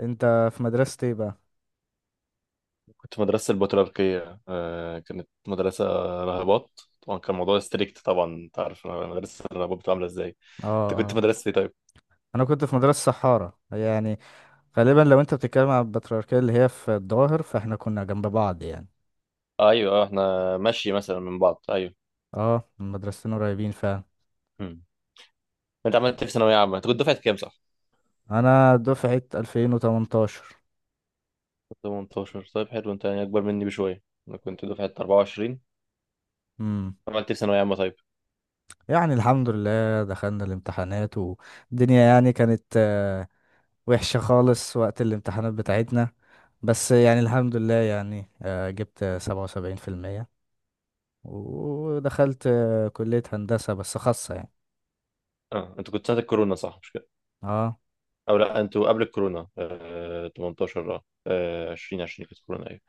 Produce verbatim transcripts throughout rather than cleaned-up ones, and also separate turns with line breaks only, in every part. انت في مدرسة ايه بقى؟
كنت في مدرسة البطريركية، آه، كانت مدرسة راهبات. طبعا كان الموضوع ستريكت، طبعا انت عارف مدرسة الراهبات بتبقى عاملة ازاي.
اه
انت كنت في
اه
مدرسة ايه طيب؟
انا كنت في مدرسة صحارى يعني. غالبا لو انت بتتكلم عن البطريركية اللي هي في الظاهر فاحنا كنا جنب بعض يعني.
ايوه، اه، احنا ماشي مثلا من بعض، ايوه.
اه، المدرستين قريبين فعلا.
مم. انت عملت إيه في ثانوية عامة؟ انت كنت دفعة كام، صح؟
انا دفعة ألفين وثمنتاشر.
كنت تمانتاشر، طيب حلو، انت يعني اكبر مني بشوية. انا كنت دفعة اربعة وعشرين.
امم،
عملت إيه في ثانوية عامة طيب؟
يعني الحمد لله دخلنا الامتحانات والدنيا يعني كانت آه، وحشة خالص وقت الامتحانات بتاعتنا. بس يعني الحمد لله يعني آه، جبت سبعة وسبعين في المية ودخلت آه، كلية هندسة بس خاصة يعني.
اه، انت كنت سنة الكورونا صح، مش كده؟
اه.
او لا، انتوا قبل الكورونا آه تمنتاشر، اه، آه، عشرين عشرين كانت كورونا، ايوه.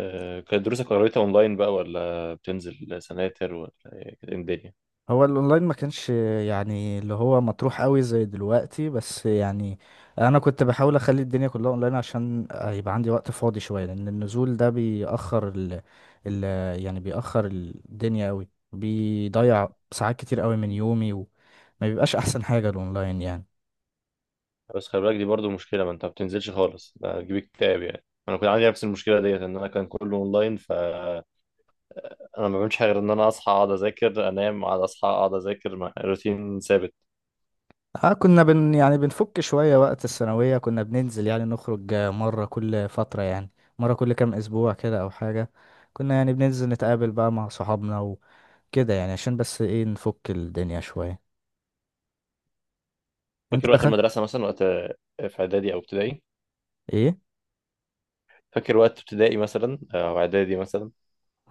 آه، كانت دروسك قريتها اونلاين بقى، ولا بتنزل سناتر، ولا إيه؟ كانت إيه الدنيا؟
هو الاونلاين ما كانش يعني اللي هو مطروح قوي زي دلوقتي، بس يعني انا كنت بحاول اخلي الدنيا كلها اونلاين عشان يبقى عندي وقت فاضي شويه، لان النزول ده بيأخر ال... ال... يعني بيأخر الدنيا قوي، بيضيع ساعات كتير قوي من يومي، وما بيبقاش احسن حاجه الاونلاين يعني.
بس خلي بالك، دي برضو مشكله، ما انت ما بتنزلش خالص ده هتجيب اكتئاب. يعني انا كنت عندي نفس المشكله ديت، ان انا كان كله اونلاين، فانا ما بعملش حاجه غير ان انا اصحى اقعد اذاكر انام اقعد اصحى اقعد اذاكر مع روتين ثابت.
اه، كنا بن يعني بنفك شويه وقت الثانويه، كنا بننزل يعني نخرج مره كل فتره يعني، مره كل كام اسبوع كده او حاجه. كنا يعني بننزل نتقابل بقى مع صحابنا كده يعني، عشان بس ايه نفك الدنيا شوية. انت
فاكر وقت
بخ.
المدرسه مثلا؟ وقت آه، في اعدادي او ابتدائي؟
ايه.
فاكر وقت ابتدائي مثلا، آه، او اعدادي مثلا؟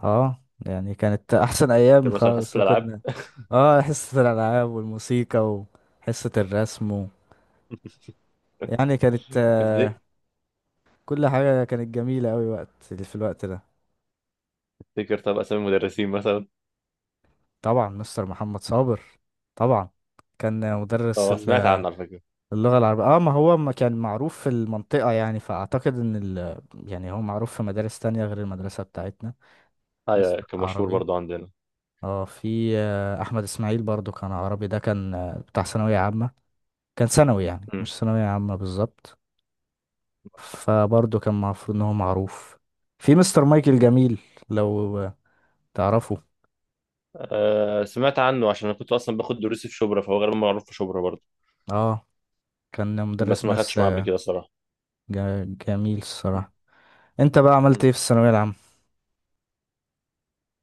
اه يعني كانت احسن
فاكر
ايام
مثلا حصه
خالص
الالعاب؟
كنا. اه، حصة الالعاب والموسيقى وحصة الرسم و... يعني كانت آه،
تفتك-
كل حاجة كانت جميلة اوي وقت في الوقت ده.
تفتكر طب اسامي المدرسين مثلا؟
طبعا مستر محمد صابر، طبعا كان مدرس
اه، سمعت
ال-
عنه على فكره.
اللغة العربية. اه، ما هو ما كان معروف في المنطقة يعني، فاعتقد ان ال... يعني هو معروف في مدارس تانية غير المدرسة بتاعتنا.
ايوه،
مستر
كان مشهور
العربي،
برضو عندنا.
اه، في آه، احمد اسماعيل برضو كان عربي، ده كان آه، بتاع ثانويه عامه، كان ثانوي يعني مش ثانويه عامه بالظبط، فبرضو كان المفروض ان هو معروف. في مستر مايكل
مم.
جميل، لو آه، تعرفه.
آه، سمعت عنه عشان انا كنت اصلا باخد دروسي في شبرا، فهو غالبا معروف في شبرا برضه.
اه، كان
بس
مدرس
ما
ماس
خدتش معاه قبل
آه،
كده الصراحه.
جا- جميل
مم.
الصراحه. انت بقى عملت
مم.
ايه في الثانويه العامه؟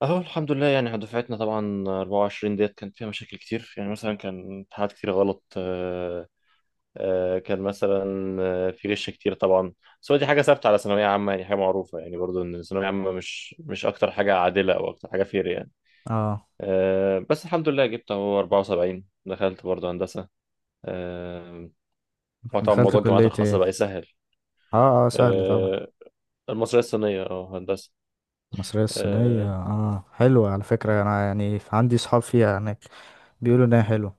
اهو الحمد لله، يعني دفعتنا طبعا اربعة وعشرين ديت كان فيها مشاكل كتير. يعني مثلا كان امتحانات كتير غلط، آه، آه، كان مثلا آه، في غش كتير طبعا. بس هو دي حاجه ثابته على ثانويه عامه، يعني حاجه معروفه يعني، برضو ان الثانويه عامه مش مش اكتر حاجه عادله او اكتر حاجه فير يعني.
اه،
آه، بس الحمد لله جبت اهو اربعة وسبعين، دخلت برضو هندسه. آه، هو طبعا
دخلت
موضوع الجامعات
كليه
الخاصه
ايه؟
بقى يسهل.
اه اه، سهل طبعا.
آه، المصرية الصينية، اه هندسة.
المصريه الصينيه،
اه،
اه حلوه على فكره، انا يعني عندي صحاب فيها هناك، بيقولوا انها حلوه.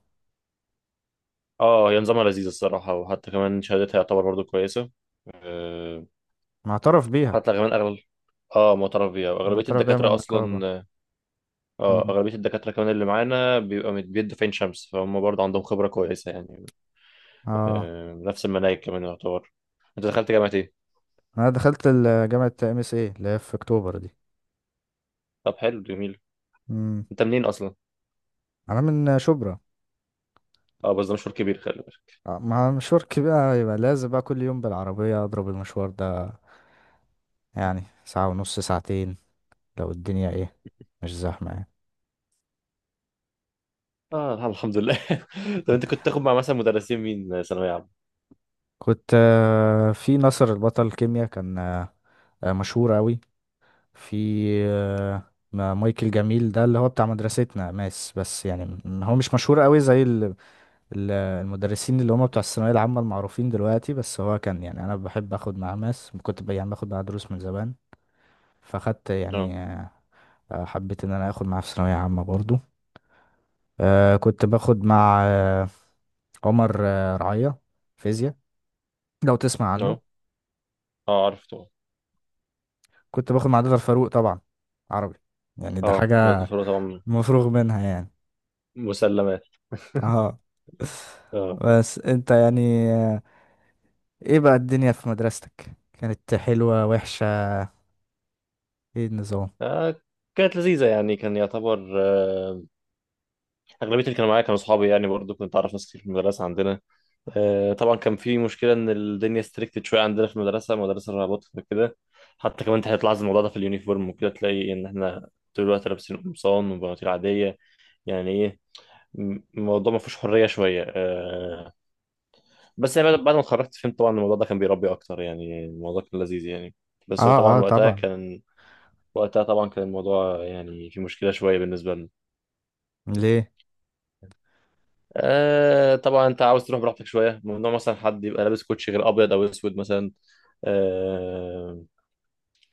آه، هي نظامها لذيذ الصراحة، وحتى كمان شهادتها يعتبر برضو كويسة. آه،
معترف بيها؟
حتى كمان أغلب، اه، معترف بيها وأغلبية
معترف بيها من
الدكاترة
النقابه.
أصلا اه. آه، أغلبية الدكاترة كمان اللي معانا بيبقى مت- بيدوا في عين شمس، فهم برضو عندهم خبرة كويسة يعني.
اه،
آه، نفس المناهج كمان يعتبر. أنت دخلت جامعة إيه؟
انا دخلت ال- جامعة ام اس اي اللي هي في اكتوبر دي.
طب حلو، جميل.
امم،
أنت منين أصلا؟
انا من شبرا.
اه بس ده مشوار كبير، خلي بالك.
آه، مع مشوارك بقى يبقى لازم بقى كل يوم بالعربية اضرب المشوار ده، يعني ساعة ونص ساعتين لو الدنيا ايه، مش زحمة يعني.
اه الحمد لله. طب أنت كنت تاخد مع مثلا مدرسين مين ثانوية عامة؟
كنت آه، في ناصر البطل كيمياء، كان آه، آه، مشهور اوي. في آه، ما- مايكل جميل ده اللي هو بتاع مدرستنا ماس، بس يعني م- هو مش مشهور اوي زي ال- المدرسين اللي هم بتوع الثانوية العامة المعروفين دلوقتي، بس هو كان يعني أنا بحب أخد معاه ماس، كنت ب- يعني باخد معاه دروس من زمان، فأخدت
اه،
يعني آه، حبيت إن أنا آخد معاه في ثانوية عامة برضو. آه، كنت باخد مع آه، عمر آه، رعية فيزياء، لو تسمع عنه.
اه، اه عارف.
كنت باخد مع دكتور فاروق طبعا عربي، يعني ده
اه، مولد
حاجة
الفروة طبعا.
مفروغ منها يعني.
مسلمات.
اه،
اه.
بس انت يعني آه، ايه بقى الدنيا في مدرستك؟ كانت حلوة وحشة؟ ايه النظام؟
آه، كانت لذيذة، يعني كان يعتبر آه، أغلبية اللي كانوا معايا كانوا أصحابي، يعني برضو كنت أعرف ناس كتير في المدرسة عندنا. آه، طبعا كان في مشكلة إن الدنيا ستريكتد شوية عندنا في المدرسة، مدرسة الرهبات وكده. حتى كمان أنت هتلاحظ الموضوع ده في اليونيفورم وكده، تلاقي إن إحنا طول الوقت لابسين قمصان وبناطيل عادية، يعني إيه، م- الموضوع ما فيهوش حرية شوية. آه، بس يعني بعد بعد ما اتخرجت فهمت طبعا إن الموضوع ده كان بيربي أكتر، يعني الموضوع كان لذيذ يعني. بس هو
اه اه
طبعا وقتها
طبعا.
كان وقتها طبعا كان الموضوع يعني في مشكله شويه بالنسبه لنا.
ليه؟
آه، طبعا انت عاوز تروح براحتك شويه، ممنوع مثلا حد يبقى لابس كوتشي غير ابيض او اسود مثلا. آه،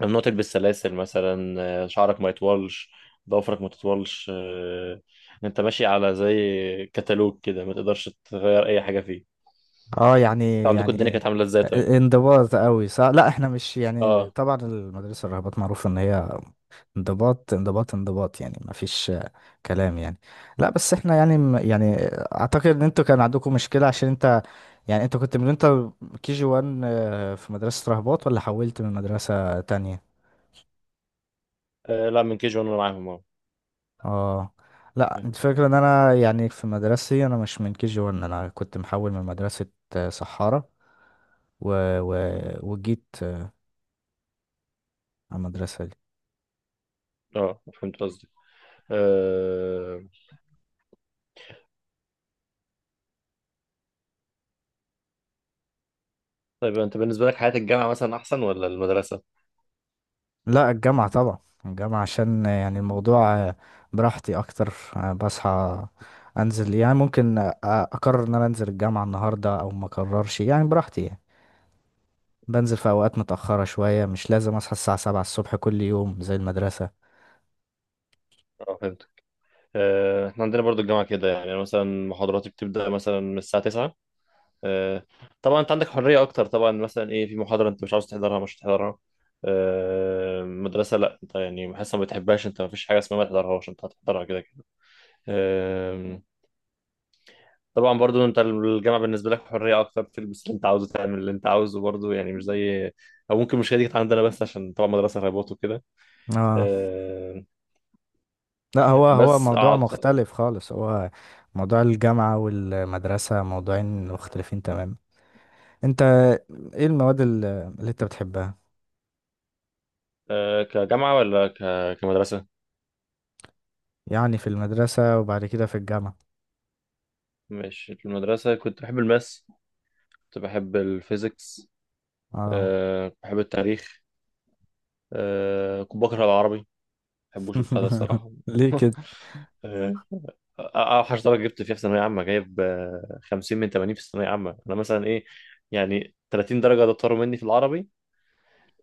ممنوع تلبس سلاسل مثلا. آه، شعرك ما يطولش، ضوافرك ما تطولش، آه، انت ماشي على زي كتالوج كده، ما تقدرش تغير اي حاجه فيه.
اه
انت
يعني
عندكم الدنيا
يعني
كانت عامله ازاي طيب؟
انضباط قوي صح؟ لا احنا مش يعني،
اه.
طبعا المدرسة الرهبات معروف ان هي انضباط انضباط انضباط يعني، ما فيش كلام يعني. لا بس احنا يعني م- يعني اعتقد ان انتوا كان عندكم مشكلة عشان انت يعني انت كنت من انت كي جي واحد في مدرسة رهبات، ولا حولت من مدرسة تانية؟
آه، لا، من كي جي وانا معاهم، اه.
اه. لا انت فاكر ان انا يعني في مدرستي انا مش من كي جي واحد، انا كنت محول من مدرسة آه، سحارة و... و... وجيت آه، على المدرسة دي.
اه فهمت قصدي. آه... طيب انت بالنسبه لك حياه الجامعه مثلا احسن ولا المدرسه؟
لا الجامعة طبعا، الجامعة عشان آه، يعني الموضوع آه، براحتي اكتر. آه، بصحى انزل يعني، ممكن آه، اقرر ان انا انزل الجامعة النهاردة او ما اقررش يعني، براحتي يعني. بنزل في اوقات متأخرة شوية، مش لازم اصحى الساعة سبعة الصبح كل يوم زي المدرسة.
اه فهمت. آه... احنا عندنا برضو الجامعه كده، يعني أنا مثلا محاضراتي بتبدا مثلا من الساعه تسعة. آه... طبعا انت عندك حريه اكتر، طبعا مثلا ايه، في محاضره انت مش عاوز تحضرها مش هتحضرها. آه... مدرسه لا، انت يعني حاسس ما بتحبهاش، انت ما فيش حاجه اسمها ما تحضرهاش، انت هتحضرها كده كده. آه... طبعا برضو انت الجامعه بالنسبه لك حريه اكتر، تلبس اللي انت عاوزه، تعمل اللي انت عاوزه، برضو يعني مش زي، او ممكن مش هي دي كانت عندنا بس عشان طبعا مدرسه ريبوت وكده.
اه.
آه،
لا هو هو
بس
موضوع
أعط...
مختلف خالص، هو موضوع الجامعة والمدرسة موضوعين مختلفين تماما. انت ايه المواد ال- اللي انت بتحبها،
آه، كجامعه ولا ك... كمدرسه.
يعني في المدرسة وبعد كده في الجامعة؟
ماشي، في المدرسه كنت بحب الماس، كنت بحب الفيزيكس،
اه.
آه، كنت بحب التاريخ، آه، كنت بكره العربي، ما بحبوش البتاع ده الصراحه.
ليه كده
اوحش درجه جبت فيها في ثانويه عامه جايب آه، خمسين من ثمانين في الثانويه عامه. انا مثلا ايه، يعني ثلاثين درجه ده طاروا مني في العربي.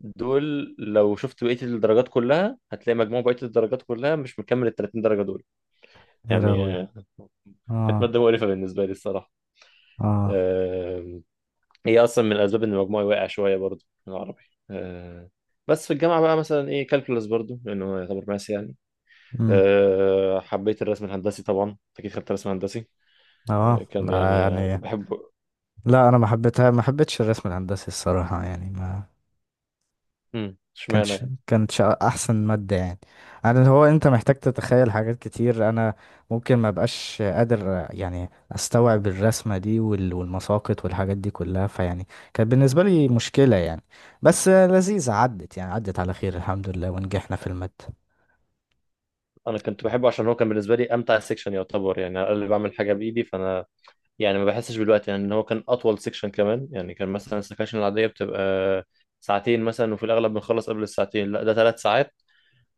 دول لو شفت بقيه الدرجات كلها هتلاقي مجموع بقيه الدرجات كلها مش مكمل ال تلاتين درجه دول
يا
يعني.
راوي؟
آه، كانت
اه.
ماده مقرفه بالنسبه لي الصراحه.
اه.
آه، هي اصلا من الاسباب ان مجموعي واقع شويه برضو في العربي. آه، بس في الجامعه بقى مثلا ايه كالكولاس برضو لانه يعتبر ماس يعني.
امم.
أه، حبيت الرسم الهندسي طبعا، أنت اكيد خدت رسم هندسي. أه
اه
كان
ده،
يعني آه،
يعني
كنت بحبه.
لا انا ما حبيتها، ما حبيتش الرسم الهندسي الصراحة يعني، ما
امم، اشمعنى
كانتش
يعني؟
كانتش احسن مادة يعني. انا اللي هو انت محتاج تتخيل حاجات كتير، انا ممكن ما بقاش قادر يعني استوعب الرسمة دي وال- والمساقط والحاجات دي كلها، فيعني كانت بالنسبة لي مشكلة يعني. بس لذيذة، عدت يعني، عدت على خير الحمد لله ونجحنا في المادة.
انا كنت بحبه عشان هو كان بالنسبه لي امتع سيكشن يعتبر، يعني انا اللي بعمل حاجه بايدي. فانا يعني ما بحسش بالوقت، يعني ان هو كان اطول سيكشن كمان يعني. كان مثلا السكاشن العاديه بتبقى ساعتين مثلا، وفي الاغلب بنخلص قبل الساعتين، لا ده ثلاث ساعات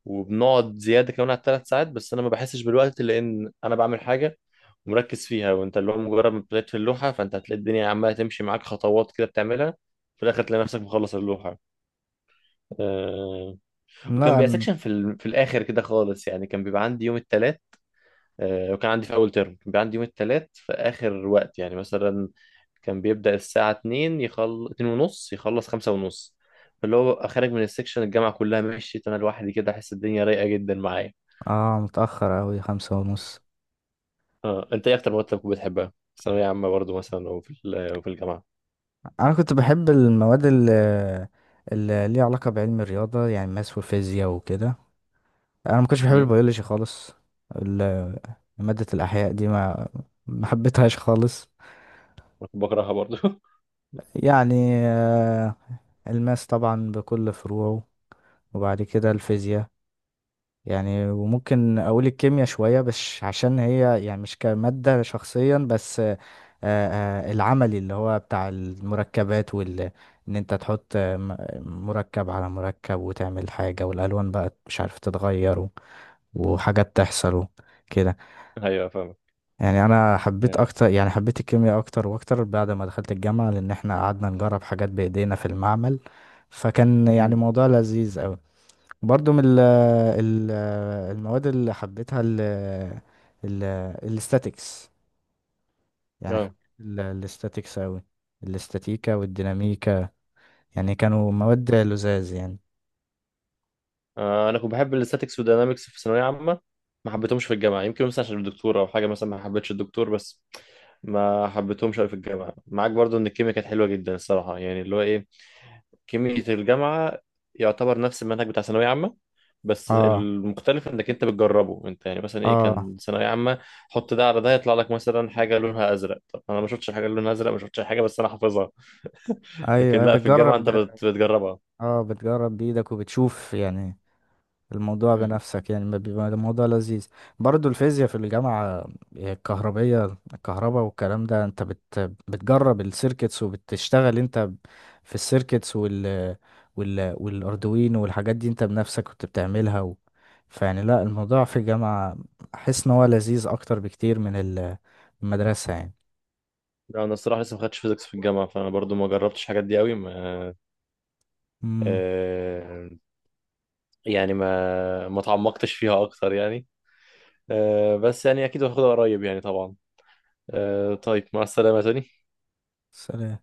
وبنقعد زياده كمان على الثلاث ساعات. بس انا ما بحسش بالوقت لان انا بعمل حاجه ومركز فيها. وانت اللي هو مجرد ما ابتديت في اللوحه، فانت هتلاقي الدنيا عماله تمشي معاك خطوات كده بتعملها، في الاخر تلاقي نفسك مخلص اللوحه. آه، وكان
لا
بيبقى
أنا.
سكشن في ال... في الاخر كده خالص يعني، كان بيبقى عندي يوم الثلاث. آه، وكان عندي في اول ترم كان بيبقى عندي يوم الثلاث في اخر وقت، يعني مثلا كان بيبدأ الساعة اتنين يخل اتنين ونص، يخلص خمسة ونص. فاللي هو ببقى خارج من السكشن الجامعة كلها مشيت انا لوحدي كده، احس الدنيا رايقة جدا معايا.
اه، متأخر أوي خمسة ونص.
اه، انت ايه اكتر مواد كنت بتحبها في ثانوية عامة برضو مثلا، او في ال- او في الجامعة؟
أنا كنت بحب المواد اللي, اللي ليها علاقة بعلم الرياضة، يعني ماس وفيزياء وكده. انا ما كنتش بحب
امم. أنا
البيولوجي خالص، ال- مادة الاحياء دي ما، ما حبيتهاش خالص
كنت بكرهها برضو.
يعني. آه، الماس طبعا بكل فروعه، وبعد كده الفيزياء. يعني وممكن اقول الكيمياء شوية، بس عشان هي يعني مش كمادة شخصيا، بس آه، آه، العملي اللي هو بتاع المركبات وال ان انت تحط آه، م- مركب على مركب وتعمل حاجة، والالوان بقى مش عارف تتغير وحاجات تحصل كده
ايوه فاهم.
يعني. انا حبيت
اه.
اكتر، يعني حبيت الكيمياء اكتر واكتر بعد ما دخلت الجامعة، لان احنا قعدنا نجرب حاجات بايدينا في المعمل، فكان يعني
أمم.
موضوع لذيذ قوي. برضو من ال ال المواد اللي حبيتها ال ال الاستاتيكس، يعني
آه.
حبيت ال- الاستاتيكس قوي، الاستاتيكا والديناميكا، يعني كانوا مواد لذاذ يعني.
آه، انا كنت بحب الاستاتيكس والديناميكس في ثانويه عامه، ما حبيتهمش في الجامعه. يمكن مثلا عشان الدكتور او حاجه، مثلا ما حبيتش الدكتور. بس ما حبيتهمش قوي في الجامعه معاك. برضو ان الكيمياء كانت حلوه جدا الصراحه، يعني اللي هو ايه، كيمياء الجامعه يعتبر نفس المنهج بتاع ثانويه عامه. بس
اه.
المختلف انك انت بتجربه انت، يعني مثلا ايه
اه.
كان ثانويه عامه حط ده على ده يطلع لك مثلا حاجه لونها ازرق. طب انا ما شفتش حاجه لونها ازرق، ما شفتش حاجه بس انا حافظها. لكن
ايوه
لا، في الجامعه
بتجرب.
انت بت- بتجربها.
اه بتجرب بايدك وبتشوف يعني الموضوع بنفسك، يعني ما بيبقى الموضوع لذيذ. برضو الفيزياء في الجامعة الكهربية، الكهرباء والكلام ده انت بت بتجرب السيركتس وبتشتغل انت في السيركتس وال وال والاردوين والحاجات دي انت بنفسك كنت بتعملها و... فيعني لا الموضوع في الجامعة احس ان هو لذيذ اكتر بكتير من ال- المدرسة يعني.
لا، انا الصراحه لسه ما خدتش فيزيكس في الجامعه، فانا برضو ما جربتش الحاجات دي قوي ما.
امم.
آه، يعني ما ما تعمقتش فيها اكتر يعني. آه، بس يعني اكيد هاخدها قريب يعني طبعا. آه، طيب، مع السلامه تاني.
سلام.